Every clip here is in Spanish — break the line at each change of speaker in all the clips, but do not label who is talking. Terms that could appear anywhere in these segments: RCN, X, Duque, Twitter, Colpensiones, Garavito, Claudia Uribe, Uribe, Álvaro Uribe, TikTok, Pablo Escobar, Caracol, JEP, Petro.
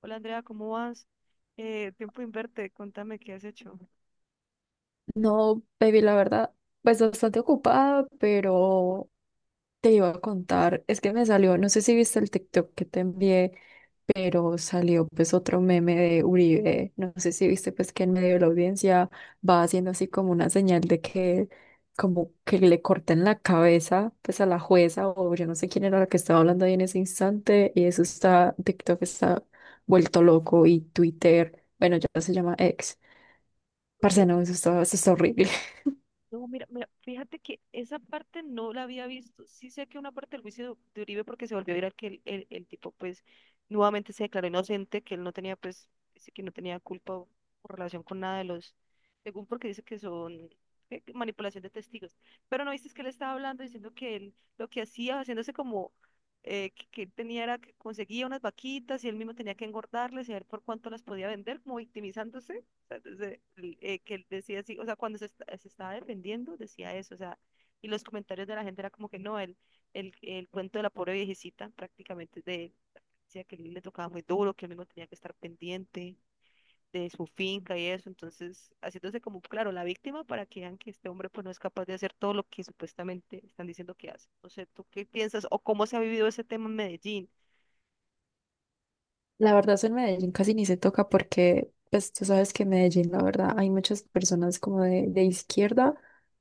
Hola Andrea, ¿cómo vas? Tiempo inverte, contame qué has hecho.
No, baby, la verdad, pues bastante ocupada, pero te iba a contar, es que me salió, no sé si viste el TikTok que te envié, pero salió pues otro meme de Uribe, no sé si viste pues que en medio de la audiencia va haciendo así como una señal de que como que le corten la cabeza pues a la jueza o yo no sé quién era la que estaba hablando ahí en ese instante y eso está, TikTok está vuelto loco y Twitter, bueno, ya se llama X. Parce,
Sí.
no, eso está horrible.
No, mira, mira, fíjate que esa parte no la había visto. Sí sé que una parte del juicio de Uribe porque se volvió a viral que el tipo pues nuevamente se declaró inocente, que él no tenía pues, dice que no tenía culpa o relación con nada de los, según porque dice que son ¿qué? Que manipulación de testigos. Pero no viste es que él estaba hablando diciendo que él lo que hacía, haciéndose como que él tenía era que conseguía unas vaquitas y él mismo tenía que engordarlas y a ver por cuánto las podía vender, como victimizándose sea, desde que él decía así, o sea, cuando se, se estaba defendiendo, decía eso, o sea, y los comentarios de la gente era como que no, el, el cuento de la pobre viejecita prácticamente es de él, decía que él le tocaba muy duro, que él mismo tenía que estar pendiente de su finca y eso, entonces haciéndose como, claro, la víctima para que vean que este hombre pues no es capaz de hacer todo lo que supuestamente están diciendo que hace. No sé, ¿tú qué piensas o cómo se ha vivido ese tema en Medellín?
La verdad, eso en Medellín casi ni se toca porque, pues tú sabes que en Medellín, la verdad, hay muchas personas como de izquierda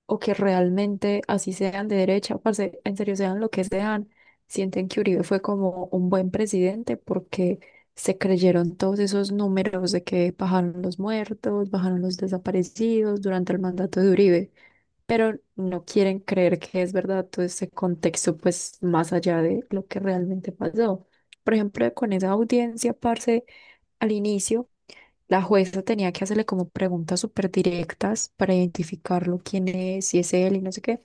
o que realmente, así sean de derecha, parce, en serio sean lo que sean, sienten que Uribe fue como un buen presidente porque se creyeron todos esos números de que bajaron los muertos, bajaron los desaparecidos durante el mandato de Uribe, pero no quieren creer que es verdad todo ese contexto, pues más allá de lo que realmente pasó. Por ejemplo, con esa audiencia, parce, al inicio, la jueza tenía que hacerle como preguntas súper directas para identificarlo, quién es, si es él y no sé qué.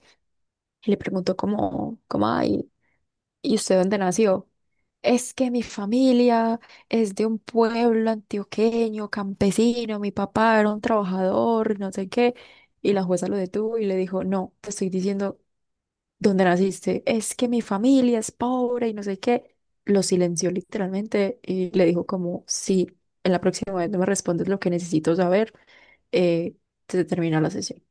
Y le preguntó ay, ¿y usted dónde nació? Es que mi familia es de un pueblo antioqueño, campesino, mi papá era un trabajador, no sé qué. Y la jueza lo detuvo y le dijo, no, te estoy diciendo, ¿dónde naciste? Es que mi familia es pobre y no sé qué. Lo silenció literalmente y le dijo como, si en la próxima vez no me respondes lo que necesito saber, eh, se termina la sesión.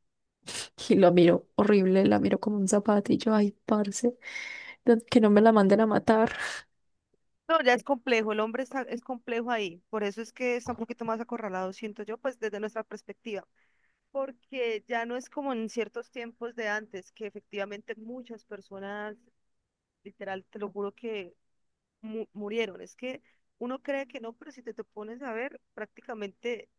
Y lo miró horrible, la miró como un zapato y yo, ay, parce, que no me la manden a matar.
No, ya es complejo, el hombre está, es complejo ahí, por eso es que está un poquito más acorralado, siento yo, pues desde nuestra perspectiva, porque ya no es como en ciertos tiempos de antes, que efectivamente muchas personas, literal, te lo juro que murieron, es que uno cree que no, pero si te, te pones a ver prácticamente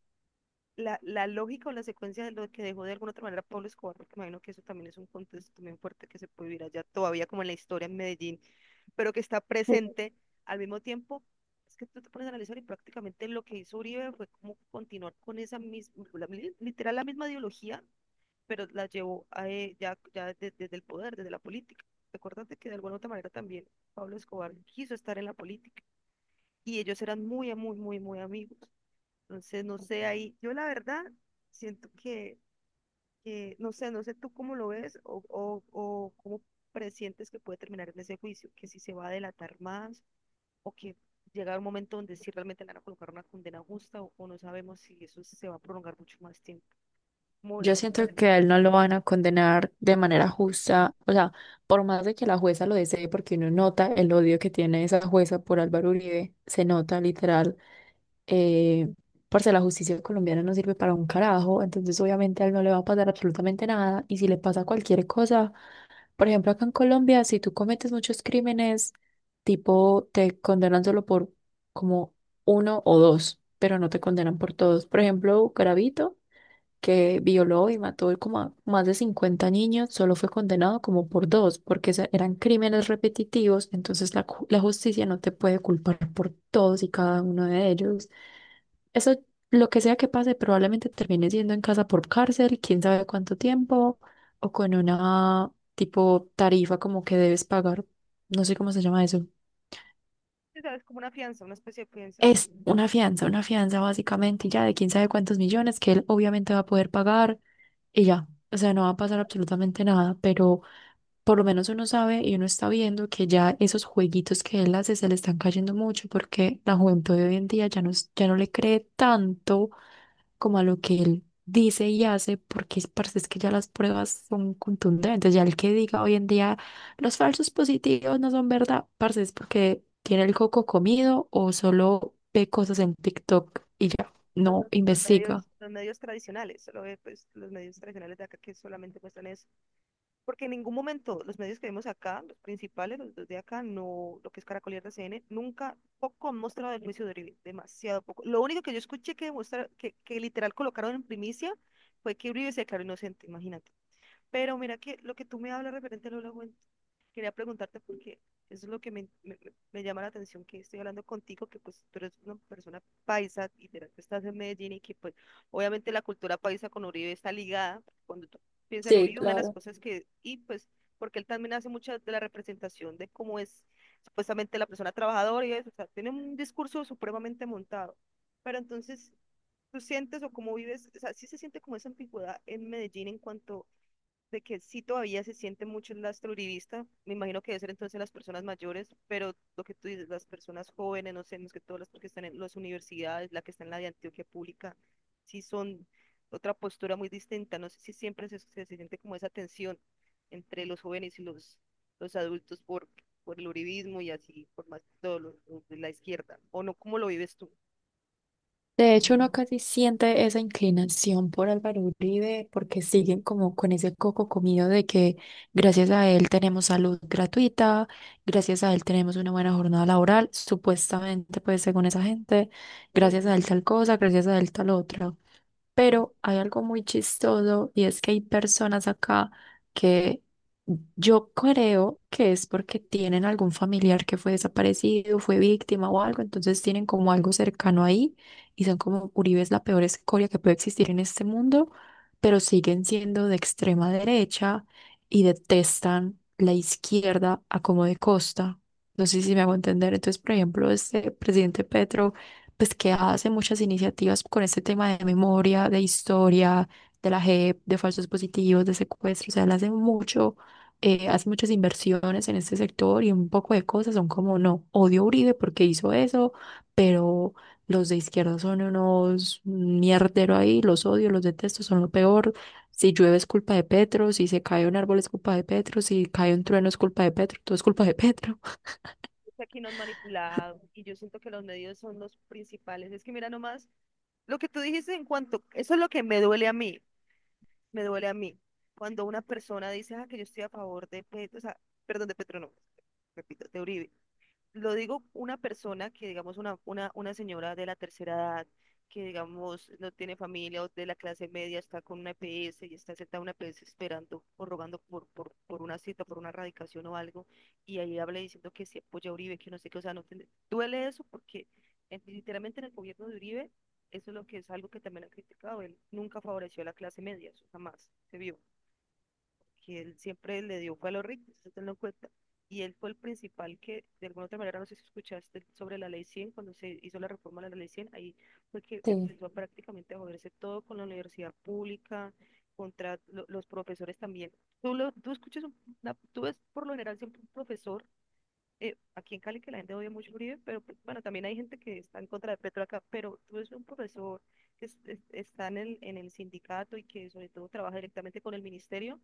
la, la lógica o la secuencia de lo que dejó de alguna otra manera Pablo Escobar, porque me imagino que eso también es un contexto también fuerte que se puede vivir allá todavía como en la historia en Medellín pero que está
Sí.
presente al mismo tiempo. Es que tú te pones a analizar y prácticamente lo que hizo Uribe fue como continuar con esa misma, literal la misma ideología, pero la llevó a, ya, ya desde, el poder, desde la política. Recuérdate que de alguna u otra manera también Pablo Escobar quiso estar en la política y ellos eran muy, muy, muy, muy amigos. Entonces, no sé, ahí yo la verdad siento que no sé, no sé tú cómo lo ves o cómo presientes que puede terminar en ese juicio, que si se va a delatar más o que llega un momento donde sí realmente le van a colocar una condena justa o no sabemos si eso se va a prolongar mucho más tiempo. Como,
Yo
como,
siento
¿sabes?
que a él no lo van a condenar de manera justa, o sea, por más de que la jueza lo desee, porque uno nota el odio que tiene esa jueza por Álvaro Uribe, se nota literal. Eh, Parce, la justicia colombiana no sirve para un carajo, entonces obviamente a él no le va a pasar absolutamente nada. Y si le pasa cualquier cosa, por ejemplo, acá en Colombia, si tú cometes muchos crímenes, tipo te condenan solo por como uno o dos, pero no te condenan por todos. Por ejemplo, Garavito, que violó y mató como a más de 50 niños, solo fue condenado como por dos, porque eran crímenes repetitivos, entonces la justicia no te puede culpar por todos y cada uno de ellos. Eso, lo que sea que pase, probablemente termine siendo en casa por cárcel, quién sabe cuánto tiempo, o con una tipo tarifa como que debes pagar, no sé cómo se llama eso.
Como una fianza, una especie de fianza.
Es una fianza básicamente y ya de quién sabe cuántos millones que él obviamente va a poder pagar y ya. O sea, no va a pasar absolutamente nada, pero por lo menos uno sabe y uno está viendo que ya esos jueguitos que él hace se le están cayendo mucho porque la juventud de hoy en día ya no, ya no le cree tanto como a lo que él dice y hace, porque es parce, es que ya las pruebas son contundentes. Ya el que diga hoy en día los falsos positivos no son verdad, parce, es porque tiene el coco comido o solo ve cosas en TikTok y ya
Los,
no investiga.
los medios tradicionales, solo ve, pues, los medios tradicionales de acá que solamente muestran eso. Porque en ningún momento los medios que vemos acá, los principales, los dos de acá, no, lo que es Caracol y RCN, nunca, poco han mostrado el juicio de Uribe, demasiado poco. Lo único que yo escuché que, que literal colocaron en primicia fue que Uribe se declaró inocente, imagínate. Pero mira que lo que tú me hablas referente a al Holocuento, quería preguntarte porque eso es lo que me, me llama la atención, que estoy hablando contigo, que pues tú eres una persona paisa, y que estás en Medellín y que pues obviamente la cultura paisa con Uribe está ligada. Cuando tú piensas en
Sí,
Uribe, una de las
claro.
cosas que, y pues porque él también hace mucha de la representación de cómo es supuestamente la persona trabajadora y eso, o sea, tiene un discurso supremamente montado. Pero entonces, ¿tú sientes o cómo vives? O sea, sí se siente como esa ambigüedad en Medellín en cuanto de que sí todavía se siente mucho el lastre uribista, me imagino que debe ser entonces las personas mayores, pero lo que tú dices, las personas jóvenes, no sé, más que todas las que están en las universidades, la que está en la de Antioquia Pública, sí son otra postura muy distinta, no sé si siempre se, se siente como esa tensión entre los jóvenes y los adultos por el uribismo y así, por más que todo lo de la izquierda, o no, ¿cómo lo vives tú?
De hecho, uno
En
casi siente esa inclinación por Álvaro Uribe porque siguen como con ese coco comido de que gracias a él tenemos salud gratuita, gracias a él tenemos una buena jornada laboral, supuestamente, pues según esa gente,
serio,
gracias a él tal cosa, gracias a él tal otra. Pero hay algo muy chistoso y es que hay personas acá que yo creo que es porque tienen algún familiar que fue desaparecido, fue víctima o algo, entonces tienen como algo cercano ahí y son como Uribe es la peor escoria que puede existir en este mundo, pero siguen siendo de extrema derecha y detestan la izquierda a como de costa. No sé si me hago entender. Entonces, por ejemplo, este presidente Petro pues que hace muchas iniciativas con este tema de memoria, de historia, de la JEP, de falsos positivos, de secuestros, o sea, él hace mucho, hace muchas inversiones en este sector y un poco de cosas son como, no, odio a Uribe porque hizo eso, pero los de izquierda son unos mierdero ahí, los odio, los detesto, son lo peor. Si llueve es culpa de Petro, si se cae un árbol es culpa de Petro, si cae un trueno es culpa de Petro, todo es culpa de Petro.
es que aquí nos han manipulado y yo siento que los medios son los principales, es que mira nomás lo que tú dijiste en cuanto, eso es lo que me duele a mí, me duele a mí. Cuando una persona dice, ah, que yo estoy a favor de Petro, o sea, perdón, de Petro no, repito, de Uribe lo digo una persona que, digamos, una señora de la tercera edad, que, digamos, no tiene familia o de la clase media, está con una EPS y está sentada en una EPS esperando o rogando por una cita, por una radicación o algo, y ahí habla diciendo que se apoya a Uribe, que no sé qué, o sea, no tiene- duele eso porque literalmente en el gobierno de Uribe, eso es lo que es algo que también han criticado, él nunca favoreció a la clase media, eso jamás se vio que él siempre le dio fue a los ricos, eso tenlo en cuenta. Y él fue el principal que, de alguna otra manera, no sé si escuchaste sobre la ley 100 cuando se hizo la reforma de la ley 100 ahí fue que
Sí.
empezó prácticamente a joderse todo con la universidad pública, contra los profesores también. Tú, lo, tú escuchas, tú ves por lo general siempre un profesor, aquí en Cali que la gente odia mucho a Uribe, pero pues, bueno, también hay gente que está en contra de Petro acá, pero tú ves un profesor que está en el sindicato y que sobre todo trabaja directamente con el ministerio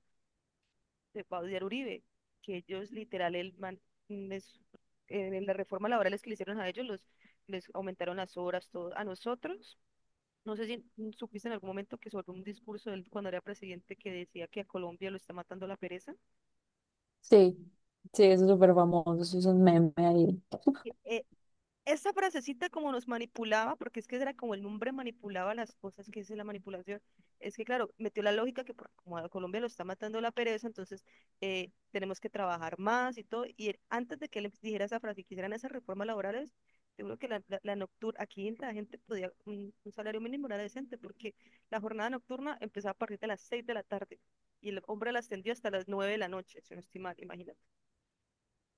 de Claudia Uribe, que ellos literal les- en la reforma laboral que le hicieron a ellos los les aumentaron las horas todo a nosotros. No sé si supiste en algún momento que sobre un discurso de él cuando era presidente que decía que a Colombia lo está matando la pereza.
Sí, sí, eso es súper famoso, eso es un meme ahí.
E- e- Esa frasecita como nos manipulaba, porque es que era como el hombre manipulaba las cosas, que es la manipulación, es que claro, metió la lógica que como a Colombia lo está matando la pereza, entonces tenemos que trabajar más y todo, antes de que él dijera esa frase, que hicieran esas reformas laborales, seguro que la nocturna, aquí la gente podía un salario mínimo era decente, porque la jornada nocturna empezaba a partir de las 6 de la tarde, y el hombre la extendió hasta las 9 de la noche, si no estoy mal, imagínate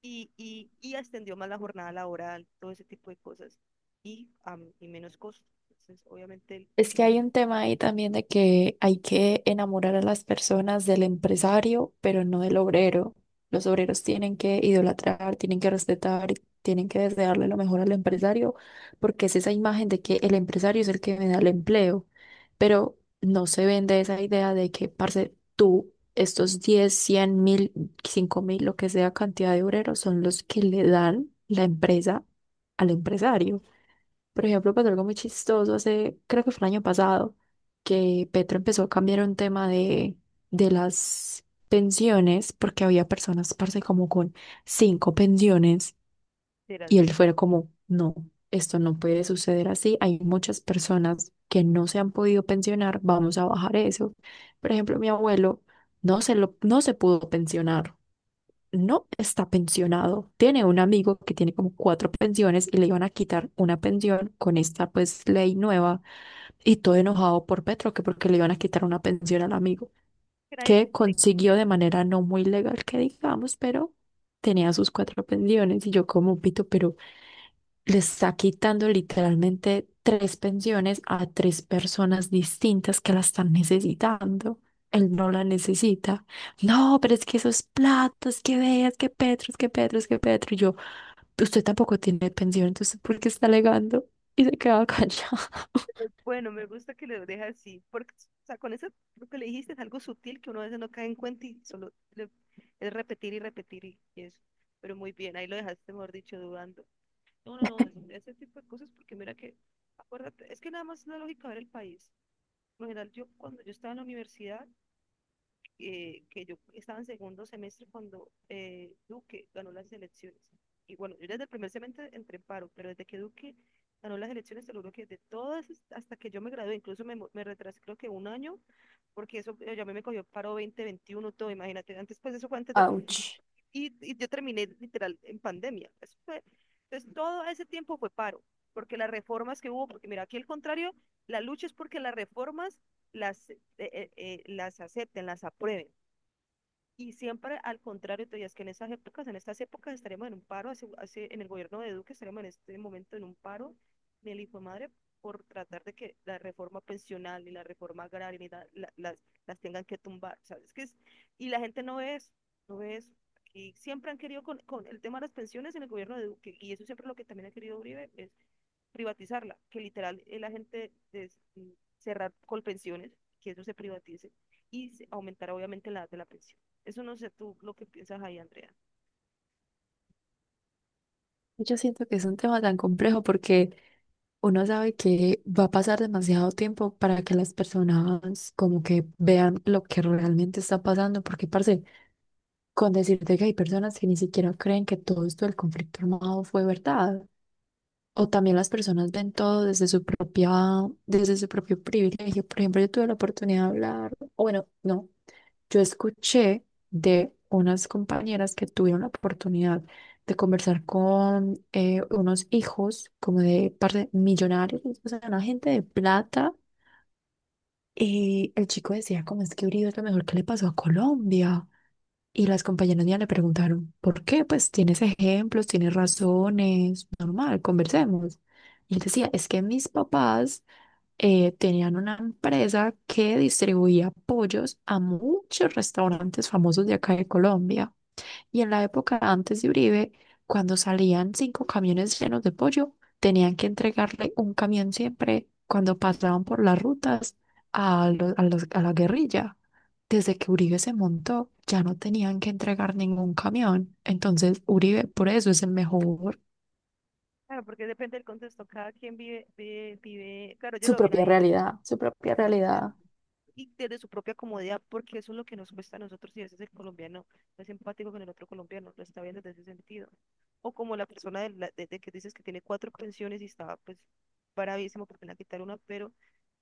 y extendió más la jornada laboral, todo ese tipo de cosas, y, y menos costo. Entonces, obviamente,
Es que hay un tema ahí también de que hay que enamorar a las personas del empresario, pero no del obrero. Los obreros tienen que idolatrar, tienen que respetar, tienen que desearle lo mejor al empresario, porque es esa imagen de que el empresario es el que me da el empleo. Pero no se vende esa idea de que, parce, tú, estos 10 100 mil, 5 mil, lo que sea cantidad de obreros, son los que le dan la empresa al empresario. Por ejemplo, pasó algo muy chistoso hace, creo que fue el año pasado, que Petro empezó a cambiar un tema de las pensiones, porque había personas, parce, como con cinco pensiones,
será
y
que
él fue como, no, esto no puede suceder así, hay muchas personas que no se han podido pensionar, vamos a bajar eso. Por ejemplo, mi abuelo no se pudo pensionar, no está pensionado. Tiene un amigo que tiene como cuatro pensiones y le iban a quitar una pensión con esta pues ley nueva y todo enojado por Petro que porque le iban a quitar una pensión al amigo
nadie que
que
te
consiguió
quite.
de manera no muy legal, que digamos, pero tenía sus cuatro pensiones y yo como pito, pero le está quitando literalmente tres pensiones a tres personas distintas que la están necesitando. Él no la necesita. No, pero es que esos platos, que veas, que Petro, es que Petro. Y yo, usted tampoco tiene pensión, entonces ¿por qué está alegando? Y se quedaba callado.
Pero bueno, me gusta que lo deje así, porque o sea, con eso lo que le dijiste es algo sutil que uno a veces no cae en cuenta y solo es repetir y repetir y eso. Pero muy bien, ahí lo dejaste, mejor dicho, dudando. No, no, no, ese tipo de cosas, porque mira que, acuérdate, es que nada más es la lógica ver el país. Por lo general, yo cuando yo estaba en la universidad, que yo estaba en segundo semestre cuando Duque ganó las elecciones. Y bueno, yo desde el primer semestre entré en paro, pero desde que Duque ganó las elecciones, te lo que de todas, hasta que yo me gradué, incluso me, me retrasé creo que un año, porque eso ya me cogió paro 2021 todo, imagínate, antes pues eso fue antes de...
Ouch.
Y, y yo terminé literal en pandemia. Eso fue, entonces todo ese tiempo fue paro, porque las reformas que hubo, porque mira, aquí al contrario, la lucha es porque las reformas las, las acepten, las aprueben. Y siempre al contrario, todavía es que en estas épocas estaremos en un paro, hace, hace, en el gobierno de Duque estaremos en este momento en un paro del hijo de madre por tratar de que la reforma pensional y la reforma agraria ni la, la, las tengan que tumbar, ¿sabes? Que es, y la gente no ve eso, no ve eso. Y siempre han querido con, el tema de las pensiones en el gobierno de Duque, y eso siempre es lo que también ha querido Uribe, es privatizarla, que literal la gente de cerrar Colpensiones, que eso se privatice y aumentar obviamente la edad de la pensión. Eso no sé tú lo que piensas ahí, Andrea.
Yo siento que es un tema tan complejo porque uno sabe que va a pasar demasiado tiempo para que las personas como que vean lo que realmente está pasando, porque parce, con decirte que hay personas que ni siquiera creen que todo esto del conflicto armado fue verdad. O también las personas ven todo desde su propia, desde su propio privilegio. Por ejemplo, yo tuve la oportunidad de hablar, o bueno, no, yo escuché de unas compañeras que tuvieron la oportunidad de conversar con unos hijos como de parte millonarios, o sea, una gente de plata. Y el chico decía, como es que Uribe es lo mejor que le pasó a Colombia. Y las compañeras mías le preguntaron, ¿por qué? Pues tienes ejemplos, tienes razones, normal, conversemos. Y él decía, es que mis papás tenían una empresa que distribuía pollos a muchos restaurantes famosos de acá de Colombia. Y en la época antes de Uribe, cuando salían cinco camiones llenos de pollo, tenían que entregarle un camión siempre cuando pasaban por las rutas a, a la guerrilla. Desde que Uribe se montó, ya no tenían que entregar ningún camión. Entonces, Uribe por eso es el mejor.
Claro, porque depende del contexto. Cada quien vive, vive, vive, claro, ellos
Su
lo ven
propia
ahí
realidad, su propia
desde-
realidad.
Y desde su propia comodidad, porque eso es lo que nos cuesta a nosotros y a veces el colombiano no es empático con el otro colombiano, lo está viendo desde ese sentido. O como la persona de que dices que tiene cuatro pensiones y está pues bravísimo porque le han quitado una, pero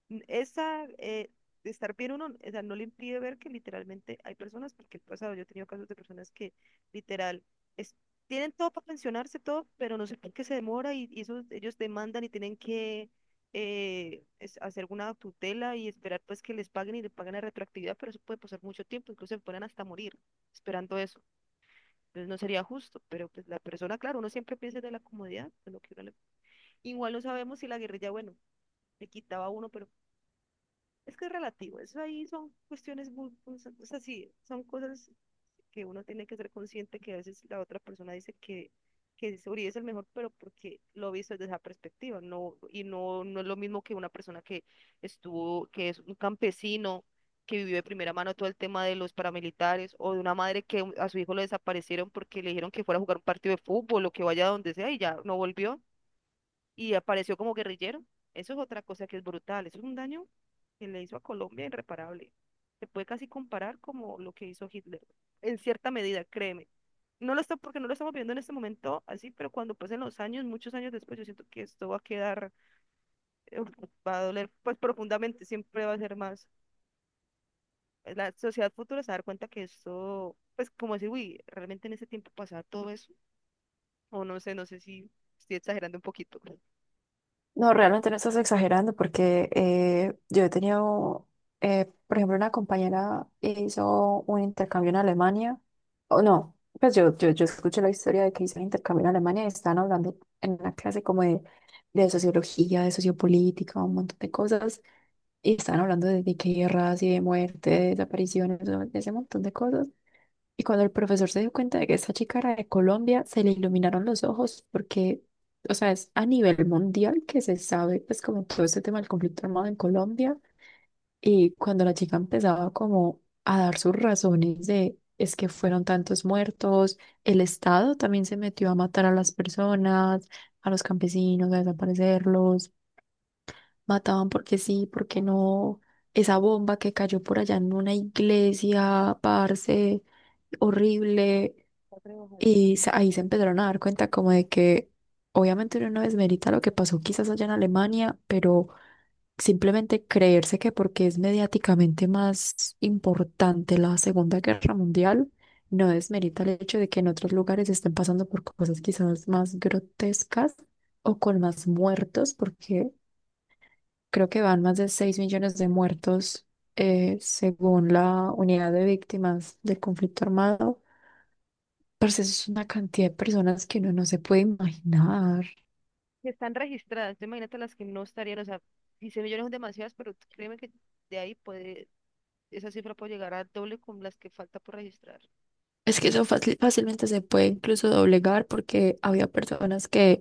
esa, de estar bien uno, o sea, no le impide ver que literalmente hay personas, porque el pasado yo he tenido casos de personas que literal es- tienen todo para pensionarse, todo, pero no sé por qué se demora y eso, ellos demandan y tienen que hacer una tutela y esperar pues que les paguen y le paguen la retroactividad, pero eso puede pasar mucho tiempo, incluso se pueden hasta morir esperando eso. Entonces no sería justo, pero pues la persona, claro, uno siempre piensa de la comodidad, de lo que uno. Igual no sabemos si la guerrilla, bueno, le quitaba a uno, pero es que es relativo, eso ahí son cuestiones muy, pues, o sea, sí, son cosas que uno tiene que ser consciente que a veces la otra persona dice que, que Uribe es el mejor, pero porque lo he visto desde esa perspectiva, no, y no es lo mismo que una persona que estuvo, que es un campesino, que vivió de primera mano todo el tema de los paramilitares, o de una madre que a su hijo lo desaparecieron porque le dijeron que fuera a jugar un partido de fútbol o que vaya a donde sea y ya no volvió y apareció como guerrillero. Eso es otra cosa que es brutal, eso es un daño que le hizo a Colombia irreparable. Se puede casi comparar como lo que hizo Hitler, en cierta medida, créeme. No lo está porque no lo estamos viendo en este momento así, pero cuando pasen los años, muchos años después, yo siento que esto va a quedar, eh, va a doler pues profundamente, siempre va a ser más. Pues, la sociedad futura se va a dar cuenta que esto, pues como decir, uy, realmente en ese tiempo pasaba todo eso, o no sé, no sé si estoy exagerando un poquito.
No, realmente no estás exagerando porque yo he tenido, por ejemplo, una compañera hizo un intercambio en Alemania, o no, pues yo escuché la historia de que hizo un intercambio en Alemania y estaban hablando en una clase como de sociología, de sociopolítica, un montón de cosas, y estaban hablando de guerras y de muerte, de desapariciones, de ese montón de cosas. Y cuando el profesor se dio cuenta de que esa chica era de Colombia, se le iluminaron los ojos porque, o sea, es a nivel mundial que se sabe, pues como todo este tema del conflicto armado en Colombia. Y cuando la chica empezaba como a dar sus razones de es que fueron tantos muertos, el Estado también se metió a matar a las personas, a los campesinos, a desaparecerlos, mataban porque sí, porque no, esa bomba que cayó por allá en una iglesia, parce, horrible.
Va a trabajar.
Y ahí se empezaron a dar cuenta como de que obviamente uno no desmerita lo que pasó quizás allá en Alemania, pero simplemente creerse que porque es mediáticamente más importante la Segunda Guerra Mundial, no desmerita el hecho de que en otros lugares estén pasando por cosas quizás más grotescas o con más muertos, porque creo que van más de 6 millones de muertos, según la unidad de víctimas del conflicto armado. Parce, eso es una cantidad de personas que uno no se puede imaginar.
Que están registradas. Tú imagínate las que no estarían, o sea, 15 millones son demasiadas, pero créeme que de ahí puede, esa cifra puede llegar a doble con las que falta por registrar.
Es que eso fácilmente se puede incluso doblegar porque había personas que,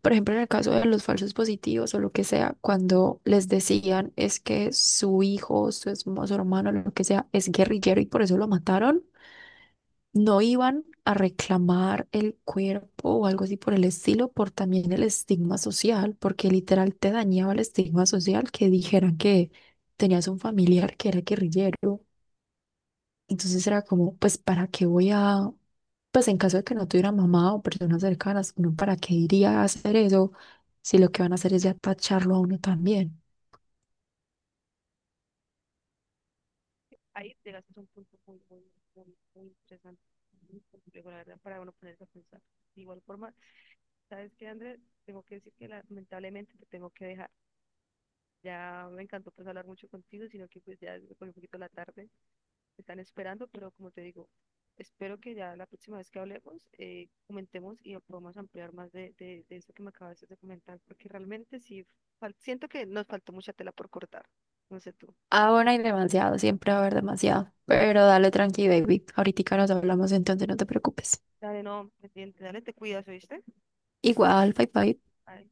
por ejemplo, en el caso de los falsos positivos o lo que sea, cuando les decían es que su hijo, su hermano, lo que sea, es guerrillero y por eso lo mataron, no iban a reclamar el cuerpo o algo así por el estilo, por también el estigma social, porque literal te dañaba el estigma social que dijeran que tenías un familiar que era guerrillero. Entonces era como, pues, ¿para qué voy a, pues en caso de que no tuviera mamá o personas cercanas, uno para qué iría a hacer eso si lo que van a hacer es ya tacharlo a uno también?
Ahí te gastas un punto muy, muy, muy, muy interesante, muy complejo, la verdad, para uno ponerse a pensar. De igual forma, ¿sabes qué, Andrés? Tengo que decir que lamentablemente te tengo que dejar. Ya me encantó pues hablar mucho contigo, sino que pues ya se me cogió un poquito la tarde. Están esperando, pero como te digo, espero que ya la próxima vez que hablemos, comentemos y podamos ampliar más de eso que me acabas de comentar, porque realmente sí, siento que nos faltó mucha tela por cortar, no sé tú.
Ah, bueno, hay demasiado, siempre va a haber demasiado. Pero dale tranqui, baby. Ahorita nos hablamos, entonces no te preocupes.
Dale, no, pendiente, dale, te cuidas, ¿oíste?
Igual, bye bye.
Ay,